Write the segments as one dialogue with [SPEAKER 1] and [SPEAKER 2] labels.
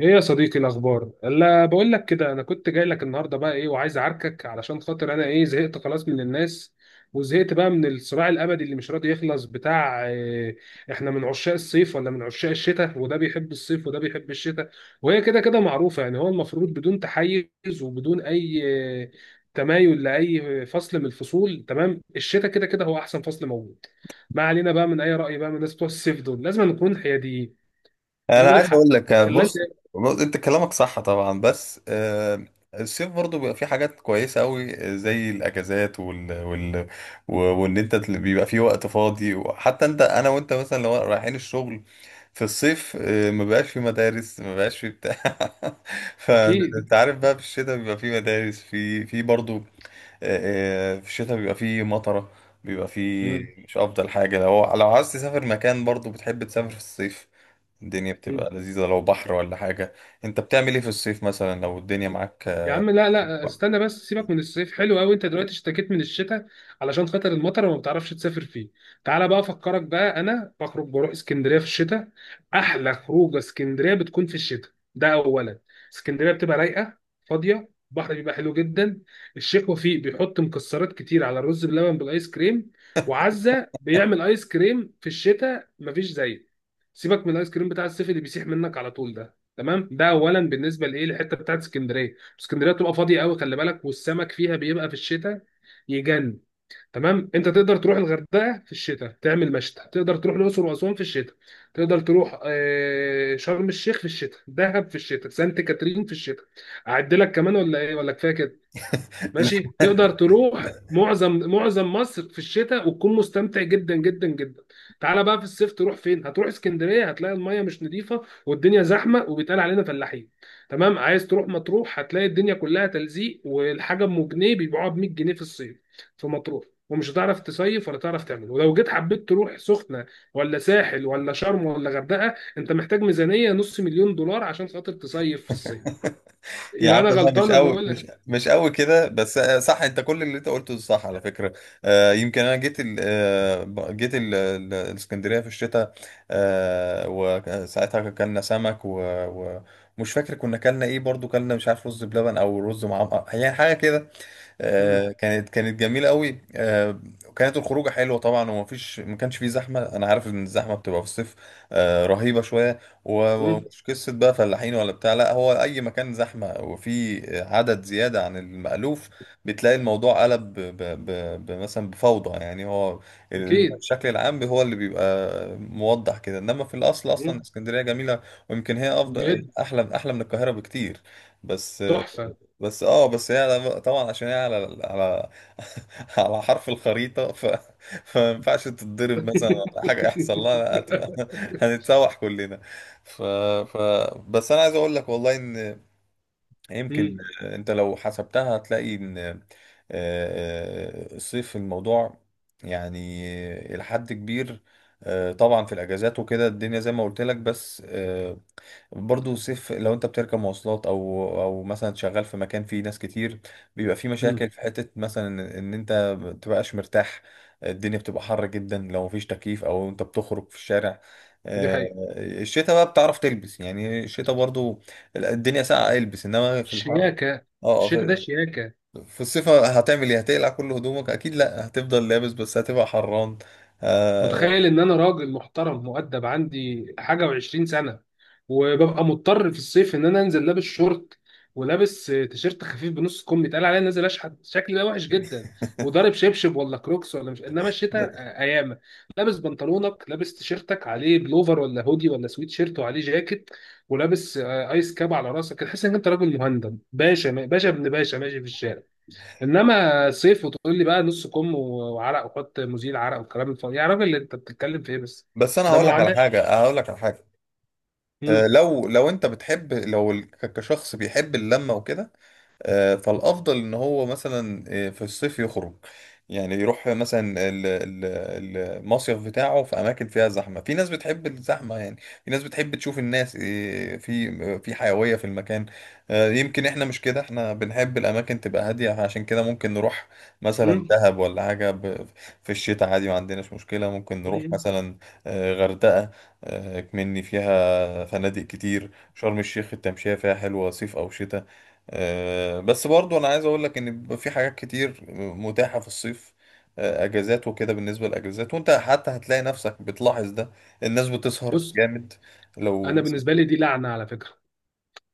[SPEAKER 1] ايه يا صديقي الاخبار؟ لا، بقول لك كده، انا كنت جاي لك النهارده بقى، ايه، وعايز اعاركك علشان خاطر انا، ايه، زهقت خلاص من الناس، وزهقت بقى من الصراع الابدي اللي مش راضي يخلص، بتاع إيه؟ احنا من عشاق الصيف ولا من عشاق الشتاء؟ وده بيحب الصيف وده بيحب الشتاء، وهي كده كده معروفه يعني. هو المفروض بدون تحيز وبدون اي آه، تمايل لاي فصل من الفصول. تمام. الشتاء كده كده هو احسن فصل موجود. ما علينا بقى من اي راي بقى من الناس بتوع الصيف دول، لازم نكون حياديين
[SPEAKER 2] انا
[SPEAKER 1] ونقول
[SPEAKER 2] عايز اقول
[SPEAKER 1] الحق
[SPEAKER 2] لك
[SPEAKER 1] اللي انت.
[SPEAKER 2] بص، انت كلامك صح طبعا بس الصيف برضو بيبقى فيه حاجات كويسه قوي زي الاجازات وال وال و- وان انت تل- بيبقى فيه وقت فاضي وحتى انا وانت مثلا لو رايحين الشغل في الصيف، ما بقاش في مدارس، ما بقاش في بتاع. فانت
[SPEAKER 1] اكيد.
[SPEAKER 2] عارف بقى، في الشتاء بيبقى فيه مدارس، في برضو. في الشتاء بيبقى فيه مطره، بيبقى فيه
[SPEAKER 1] مم.
[SPEAKER 2] مش افضل حاجه. لو عايز تسافر مكان، برضو بتحب تسافر في الصيف. الدنيا
[SPEAKER 1] مم.
[SPEAKER 2] بتبقى لذيذة لو بحر ولا حاجة. انت بتعمل ايه في الصيف مثلا لو الدنيا معاك؟
[SPEAKER 1] يا عم، لا لا استنى بس، سيبك من الصيف حلو قوي، انت دلوقتي اشتكيت من الشتاء علشان خاطر المطر وما بتعرفش تسافر فيه. تعالى بقى افكرك بقى، انا بخرج بروح اسكندريه في الشتاء. احلى خروجه اسكندريه بتكون في الشتاء، ده اولا. اسكندريه بتبقى رايقه، فاضيه، البحر بيبقى حلو جدا. الشيخ وفيق بيحط مكسرات كتير على الرز بلبن بالايس كريم، وعزه بيعمل ايس كريم في الشتاء مفيش زيه. سيبك من الايس كريم بتاع الصيف اللي بيسيح منك على طول ده. تمام، ده اولا بالنسبه لايه الحته بتاعت اسكندريه. اسكندريه بتبقى فاضيه قوي، خلي بالك، والسمك فيها بيبقى في الشتاء يجن. تمام، انت تقدر تروح الغردقه في الشتاء تعمل مشتى، تقدر تروح الاقصر واسوان في الشتاء، تقدر تروح شرم الشيخ في الشتاء، دهب في الشتاء، سانت كاترين في الشتاء. اعد لك كمان ولا ايه، ولا كفايه كده؟ ماشي، تقدر تروح معظم مصر في الشتاء وتكون مستمتع جدا جدا جدا. تعالى بقى في الصيف، تروح فين؟ هتروح اسكندريه هتلاقي الميه مش نظيفه والدنيا زحمه وبيتقال علينا فلاحين. تمام. عايز تروح مطروح هتلاقي الدنيا كلها تلزيق والحاجه ام جنيه بيبيعوها ب 100 جنيه في الصيف في مطروح، ومش هتعرف تصيف ولا تعرف تعمل. ولو جيت حبيت تروح سخنه ولا ساحل ولا شرم ولا غردقه، انت محتاج ميزانيه نص مليون دولار عشان خاطر تصيف في الصيف.
[SPEAKER 2] يا
[SPEAKER 1] يبقى
[SPEAKER 2] عم
[SPEAKER 1] انا
[SPEAKER 2] لا،
[SPEAKER 1] غلطان
[SPEAKER 2] مش
[SPEAKER 1] لما
[SPEAKER 2] قوي،
[SPEAKER 1] اقول
[SPEAKER 2] مش
[SPEAKER 1] لك.
[SPEAKER 2] مش قوي كده، بس صح، انت كل اللي انت قلته صح على فكره. آه، يمكن انا جيت الاسكندريه في الشتاء، آه، وساعتها كلنا سمك و- ومش فاكر كنا كلنا ايه، برضو كلنا مش عارف، رز بلبن او رز معمر يعني حاجه كده.
[SPEAKER 1] مم.
[SPEAKER 2] كانت جميله قوي، وكانت الخروجه حلوه طبعا، ومفيش، ما كانش فيه زحمه. انا عارف ان الزحمه بتبقى في الصيف، رهيبه شويه.
[SPEAKER 1] مم.
[SPEAKER 2] ومش قصة بقى فلاحين ولا بتاع، لا، هو أي مكان زحمة وفي عدد زيادة عن المألوف بتلاقي الموضوع قلب ب ب مثلا بفوضى. يعني هو
[SPEAKER 1] اكيد.
[SPEAKER 2] الشكل العام هو اللي بيبقى موضح كده، إنما في الأصل أصلا
[SPEAKER 1] مم.
[SPEAKER 2] اسكندرية جميلة، ويمكن هي أفضل،
[SPEAKER 1] بجد.
[SPEAKER 2] أحلى من القاهرة بكتير. بس،
[SPEAKER 1] تحفه.
[SPEAKER 2] بس اه، بس هي طبعا عشان هي على على حرف الخريطة. فما ينفعش تتضرب مثلا ولا حاجة يحصل لها، هتبقى هنتسوح كلنا. ف... ف... بس انا عايز اقول لك والله ان، يمكن
[SPEAKER 1] مم.
[SPEAKER 2] انت لو حسبتها هتلاقي ان الصيف الموضوع يعني إلى حد كبير، طبعا في الاجازات وكده، الدنيا زي ما قلت لك، بس برضه سيف. لو انت بتركب مواصلات او مثلا شغال في مكان فيه ناس كتير، بيبقى فيه
[SPEAKER 1] مم.
[SPEAKER 2] مشاكل في حتة مثلا ان ان انت ما بتبقاش مرتاح. الدنيا بتبقى حر جدا لو مفيش تكييف او انت بتخرج في الشارع.
[SPEAKER 1] دي
[SPEAKER 2] آه،
[SPEAKER 1] حقيقه.
[SPEAKER 2] الشتاء بقى بتعرف تلبس، يعني الشتاء برضو الدنيا ساقعة، البس. انما في الحر،
[SPEAKER 1] شياكه.
[SPEAKER 2] اه،
[SPEAKER 1] الشتاء ده
[SPEAKER 2] في،
[SPEAKER 1] شياكه.
[SPEAKER 2] في الصيف هتعمل ايه؟ هتقلع كل هدومك؟ اكيد لا، هتفضل لابس بس هتبقى حران. آه،
[SPEAKER 1] متخيل ان انا راجل محترم مؤدب عندي حاجه وعشرين سنه، وببقى مضطر في الصيف ان انا انزل لابس شورت ولابس تيشيرت خفيف بنص كم، يتقال عليا نازل اشحت، شكلي ده وحش جدا وضارب شبشب ولا كروكس ولا مش. انما الشتاء ايامه، لابس بنطلونك، لابس تيشيرتك عليه بلوفر ولا هودي ولا سويت شيرت، وعليه جاكيت، ولابس ايس كاب على راسك، تحس ان انت راجل مهندم، باشا باشا ابن باشا ماشي في الشارع. انما صيف، وتقول لي بقى نص كم وعرق وحط مزيل عرق والكلام الفاضي، يا راجل انت بتتكلم في ايه بس؟
[SPEAKER 2] بس انا
[SPEAKER 1] ده
[SPEAKER 2] هقول لك على
[SPEAKER 1] معاناه.
[SPEAKER 2] حاجة، هقول لك على حاجة،
[SPEAKER 1] مم.
[SPEAKER 2] لو انت بتحب، لو كشخص بيحب اللمه وكده، فالافضل ان هو مثلا، في الصيف يخرج، يعني يروح مثلا المصيف بتاعه في اماكن فيها زحمه، في ناس بتحب الزحمه يعني، في ناس بتحب تشوف الناس، في حيويه في المكان. يمكن احنا مش كده، احنا بنحب الاماكن تبقى هاديه، عشان كده ممكن نروح مثلا
[SPEAKER 1] مم.
[SPEAKER 2] دهب ولا حاجه في الشتاء عادي، ما عندناش مشكله. ممكن نروح
[SPEAKER 1] مم.
[SPEAKER 2] مثلا غردقه، مني فيها فنادق كتير. شرم الشيخ التمشية فيها حلوة صيف أو شتاء. بس برضو أنا عايز أقول لك إن بيبقى في حاجات كتير متاحة في الصيف، أجازات وكده. بالنسبة للأجازات، وأنت حتى هتلاقي نفسك بتلاحظ ده، الناس بتسهر
[SPEAKER 1] بص،
[SPEAKER 2] جامد. لو
[SPEAKER 1] انا
[SPEAKER 2] مثلا
[SPEAKER 1] بالنسبه لي دي لعنه على فكره.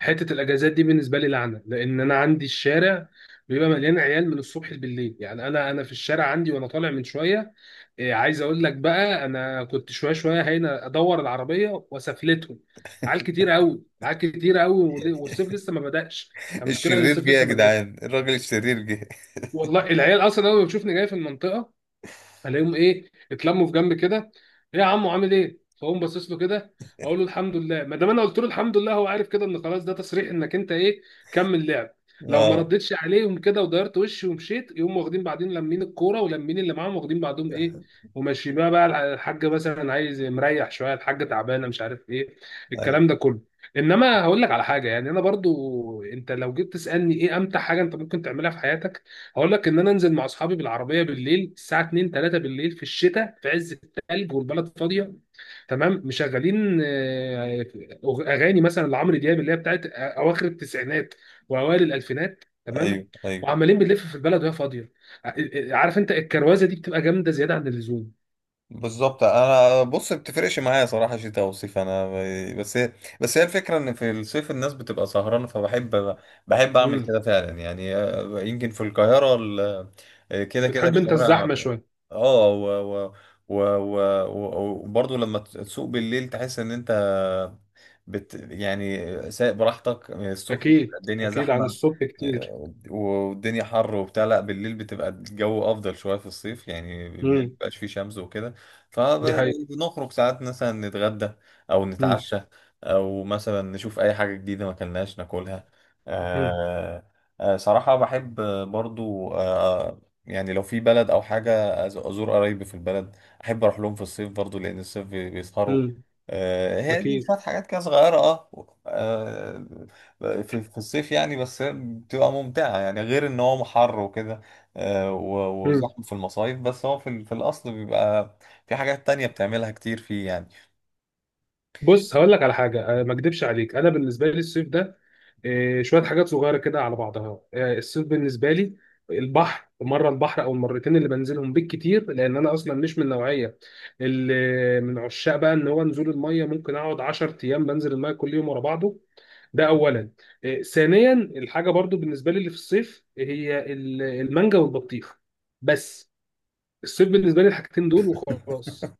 [SPEAKER 1] حته الاجازات دي بالنسبه لي لعنه، لان انا عندي الشارع بيبقى مليان عيال من الصبح بالليل. يعني انا في الشارع عندي، وانا طالع من شويه. إيه، عايز اقول لك بقى، انا كنت شويه شويه هنا ادور العربيه وسفلتهم، عيال كتير قوي، عيال كتير قوي، والصيف لسه ما بدأش. المشكله ان
[SPEAKER 2] الشرير
[SPEAKER 1] الصيف
[SPEAKER 2] جه يا
[SPEAKER 1] لسه ما جاش.
[SPEAKER 2] جدعان، الراجل الشرير جه.
[SPEAKER 1] والله العيال اصلا اول ما بتشوفني جاي في المنطقه، الاقيهم، ايه، اتلموا في جنب كده. ايه يا عمو، عامل ايه، فاقوم باصص له كده، اقول له الحمد لله. ما دام انا قلت له الحمد لله، هو عارف كده ان خلاص ده تصريح انك انت ايه، كمل لعب. لو ما
[SPEAKER 2] اه،
[SPEAKER 1] ردتش عليهم كده ودارت وشي ومشيت، يقوم واخدين بعدين لمين الكوره ولمين اللي معاهم، واخدين بعضهم ايه وماشي. بقى الحاجه مثلا عايز مريح شويه، الحاجه تعبانه، مش عارف ايه،
[SPEAKER 2] ايوه
[SPEAKER 1] الكلام ده كله. انما هقول لك على حاجه، يعني انا برضو، انت لو جيت تسالني ايه امتع حاجه انت ممكن تعملها في حياتك، هقول لك ان انا انزل مع اصحابي بالعربيه بالليل الساعه 2 3 بالليل في الشتاء في عز الثلج والبلد فاضيه. تمام، مشغلين اغاني مثلا لعمرو دياب اللي هي بتاعت اواخر التسعينات واوائل الالفينات. تمام.
[SPEAKER 2] ايوه ايوه.
[SPEAKER 1] وعمالين بنلف في البلد وهي فاضيه. ع- عارف انت الكروازه دي بتبقى جامده زياده عن اللزوم.
[SPEAKER 2] بالظبط. انا بص، بتفرقش معايا صراحه شتاء او صيف. انا بس هي، بس هي الفكره ان في الصيف الناس بتبقى سهرانه، فبحب، بحب اعمل
[SPEAKER 1] امم.
[SPEAKER 2] كده فعلا يعني. يمكن في القاهره كده كده
[SPEAKER 1] بتحب انت
[SPEAKER 2] الشوارع،
[SPEAKER 1] الزحمه شويه.
[SPEAKER 2] اه وبرضه لما تسوق بالليل تحس ان انت يعني سايق براحتك. الصبح
[SPEAKER 1] اكيد،
[SPEAKER 2] الدنيا
[SPEAKER 1] اكيد عن
[SPEAKER 2] زحمه
[SPEAKER 1] الصبح كتير.
[SPEAKER 2] والدنيا حر وبتاع، لا بالليل بتبقى الجو افضل شويه في الصيف، يعني بالليل
[SPEAKER 1] امم.
[SPEAKER 2] مبقاش فيه شمس وكده،
[SPEAKER 1] دي حقيقه.
[SPEAKER 2] فبنخرج ساعات مثلا نتغدى او
[SPEAKER 1] امم.
[SPEAKER 2] نتعشى، او مثلا نشوف اي حاجه جديده ما كلناش ناكلها.
[SPEAKER 1] امم.
[SPEAKER 2] آه صراحه بحب. برضو يعني لو في بلد او حاجه ازور قرايبي في البلد، احب اروح لهم في الصيف برضو لان الصيف بيسهروا.
[SPEAKER 1] امم.
[SPEAKER 2] هي دي
[SPEAKER 1] اكيد.
[SPEAKER 2] شويه حاجات كده صغيره، اه، في في الصيف يعني. بس هي بتبقى ممتعة يعني، غير ان هو حر وكده، وزحمة في المصايف، بس هو في، في الاصل بيبقى في حاجات تانية بتعملها كتير فيه يعني.
[SPEAKER 1] بص هقول لك على حاجه، ما اكدبش عليك، انا بالنسبه لي الصيف ده، شويه حاجات صغيره كده على بعضها. الصيف بالنسبه لي البحر مره، البحر او المرتين اللي بنزلهم بالكتير، لان انا اصلا مش من النوعيه اللي من عشاق بقى ان هو نزول الميه، ممكن اقعد 10 ايام بنزل الميه كل يوم ورا بعضه. ده اولا. ثانيا الحاجه برضو بالنسبه لي اللي في الصيف هي المانجا والبطيخ بس. الصيف بالنسبه لي الحاجتين دول وخلاص.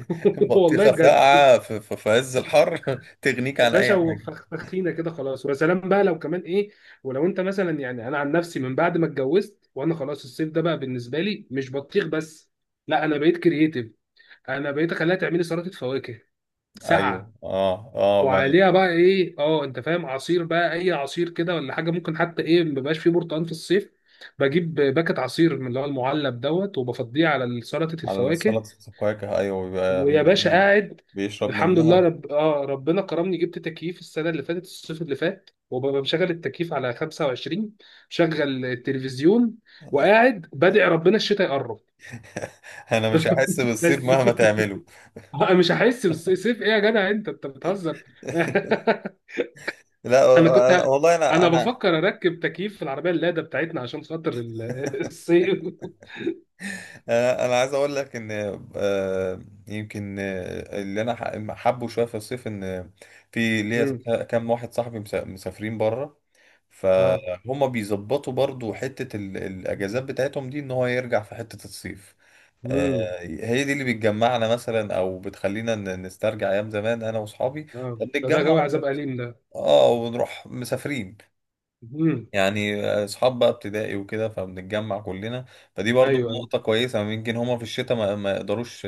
[SPEAKER 1] والله
[SPEAKER 2] بطيخة
[SPEAKER 1] بجد.
[SPEAKER 2] ساقعة في عز الحر تغنيك
[SPEAKER 1] يا
[SPEAKER 2] عن
[SPEAKER 1] باشا
[SPEAKER 2] اي حاجة.
[SPEAKER 1] وفخفخينا كده خلاص، ويا سلام بقى لو كمان ايه. ولو انت مثلا، يعني انا عن نفسي من بعد ما اتجوزت وانا خلاص الصيف ده بقى بالنسبه لي مش بطيخ بس، لا انا بقيت كرييتيف. انا بقيت اخليها تعملي سلطه فواكه
[SPEAKER 2] ايوه،
[SPEAKER 1] ساقعه،
[SPEAKER 2] اه اه بقى.
[SPEAKER 1] وعليها بقى ايه، اه انت فاهم، عصير بقى اي عصير كده ولا حاجه. ممكن حتى ايه، ما بيبقاش فيه برتقال في الصيف، بجيب باكت عصير من اللي هو المعلب دوت وبفضيه على سلطه
[SPEAKER 2] على
[SPEAKER 1] الفواكه.
[SPEAKER 2] سلطة الفواكه، ايوه، بيبقى
[SPEAKER 1] ويا
[SPEAKER 2] بيبقى
[SPEAKER 1] باشا
[SPEAKER 2] جامد.
[SPEAKER 1] قاعد.
[SPEAKER 2] بيشرب
[SPEAKER 1] الحمد لله
[SPEAKER 2] منها.
[SPEAKER 1] رب... آه ربنا كرمني، جبت تكييف السنه اللي فاتت، الصيف اللي فات، وببقى مشغل التكييف على 25، مشغل التلفزيون، وقاعد بدعي ربنا الشتاء يقرب.
[SPEAKER 2] انا مش هحس
[SPEAKER 1] بس.
[SPEAKER 2] بالصيف مهما تعمله.
[SPEAKER 1] أنا مش هحس بالصيف؟ ايه يا جدع، انت انت بتهزر؟
[SPEAKER 2] لا،
[SPEAKER 1] انا كنت ه-
[SPEAKER 2] والله انا
[SPEAKER 1] انا
[SPEAKER 2] انا
[SPEAKER 1] بفكر اركب تكييف في العربيه اللاده بتاعتنا عشان خاطر الصيف.
[SPEAKER 2] انا عايز اقول لك ان، يمكن اللي انا حابه شويه في الصيف، ان في ليا
[SPEAKER 1] مم.
[SPEAKER 2] كام واحد صاحبي مسافرين بره،
[SPEAKER 1] اه.
[SPEAKER 2] فهم بيظبطوا برضو حته الاجازات بتاعتهم دي ان هو يرجع في حته الصيف.
[SPEAKER 1] مم.
[SPEAKER 2] هي دي اللي بتجمعنا مثلا او بتخلينا نسترجع ايام زمان انا واصحابي،
[SPEAKER 1] اه. ده جو
[SPEAKER 2] فبنتجمع
[SPEAKER 1] عذاب اليم ده.
[SPEAKER 2] اه ونروح مسافرين،
[SPEAKER 1] مم.
[SPEAKER 2] يعني اصحاب بقى ابتدائي وكده، فبنتجمع كلنا. فدي برضو
[SPEAKER 1] ايوه ايوه.
[SPEAKER 2] نقطة كويسة، يمكن هما في الشتاء ما يقدروش،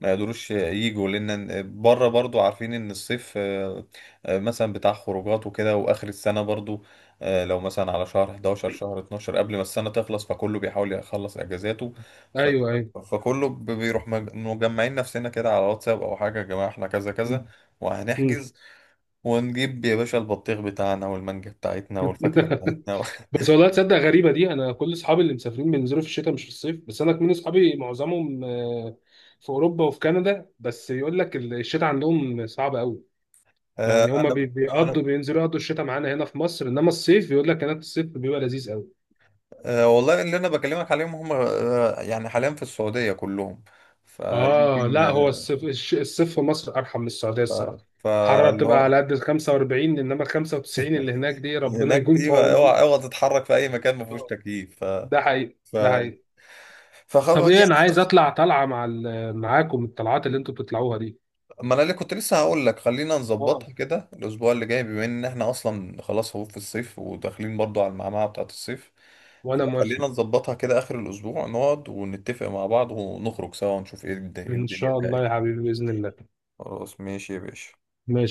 [SPEAKER 2] ما يقدروش يجوا، لان بره برضو عارفين ان الصيف مثلا بتاع خروجات وكده، واخر السنة برضو، لو مثلا على شهر 11 شهر 12 قبل ما السنة تخلص فكله بيحاول يخلص اجازاته. ف-
[SPEAKER 1] ايوه ايوه.
[SPEAKER 2] فكله بيروح، مجمعين نفسنا كده على واتساب او حاجة، يا جماعة احنا كذا كذا، وهنحجز ونجيب يا باشا البطيخ بتاعنا والمانجا بتاعتنا والفاكهة بتاعتنا.
[SPEAKER 1] بس والله تصدق، غريبه دي، انا كل اصحابي اللي مسافرين بينزلوا في الشتاء مش في الصيف. بس انا كمان اصحابي معظمهم في اوروبا وفي كندا. بس يقول لك الشتاء عندهم صعب قوي،
[SPEAKER 2] آه،
[SPEAKER 1] يعني هما
[SPEAKER 2] انا انا
[SPEAKER 1] بيقضوا بينزلوا يقضوا الشتاء معانا هنا في مصر. انما الصيف يقول لك هناك الصيف بيبقى لذيذ قوي.
[SPEAKER 2] آه، والله اللي انا بكلمك عليهم هم، يعني حاليا في السعوديه كلهم.
[SPEAKER 1] اه
[SPEAKER 2] فيمكن
[SPEAKER 1] لا، هو الصيف الصيف في مصر ارحم من السعوديه الصراحه. الحراره
[SPEAKER 2] فاللي
[SPEAKER 1] بتبقى
[SPEAKER 2] هو
[SPEAKER 1] على قد ال 45 انما ال 95 اللي هناك دي ربنا
[SPEAKER 2] هناك
[SPEAKER 1] يكون
[SPEAKER 2] دي
[SPEAKER 1] في عونه.
[SPEAKER 2] اوعى تتحرك في اي مكان ما فيهوش تكييف. ف
[SPEAKER 1] ده حقيقي،
[SPEAKER 2] ف
[SPEAKER 1] ده حقيقي. طب
[SPEAKER 2] فخلاص
[SPEAKER 1] ايه، انا
[SPEAKER 2] يعني.
[SPEAKER 1] عايز اطلع طلعه مع معاكم الطلعات اللي انتوا بتطلعوها دي.
[SPEAKER 2] ما انا اللي كنت لسه هقول لك خلينا
[SPEAKER 1] اه
[SPEAKER 2] نظبطها كده الاسبوع اللي جاي، بما ان احنا اصلا خلاص هو في الصيف وداخلين برضو على المعمعه بتاعت الصيف.
[SPEAKER 1] وانا
[SPEAKER 2] فخلينا
[SPEAKER 1] موافق.
[SPEAKER 2] نظبطها كده اخر الاسبوع، نقعد ونتفق مع بعض ونخرج سوا، ونشوف ايه إيه
[SPEAKER 1] ان
[SPEAKER 2] الدنيا
[SPEAKER 1] شاء الله
[SPEAKER 2] بتاعي.
[SPEAKER 1] يا حبيبي، باذن الله.
[SPEAKER 2] خلاص ماشي يا باشا.
[SPEAKER 1] ماشي.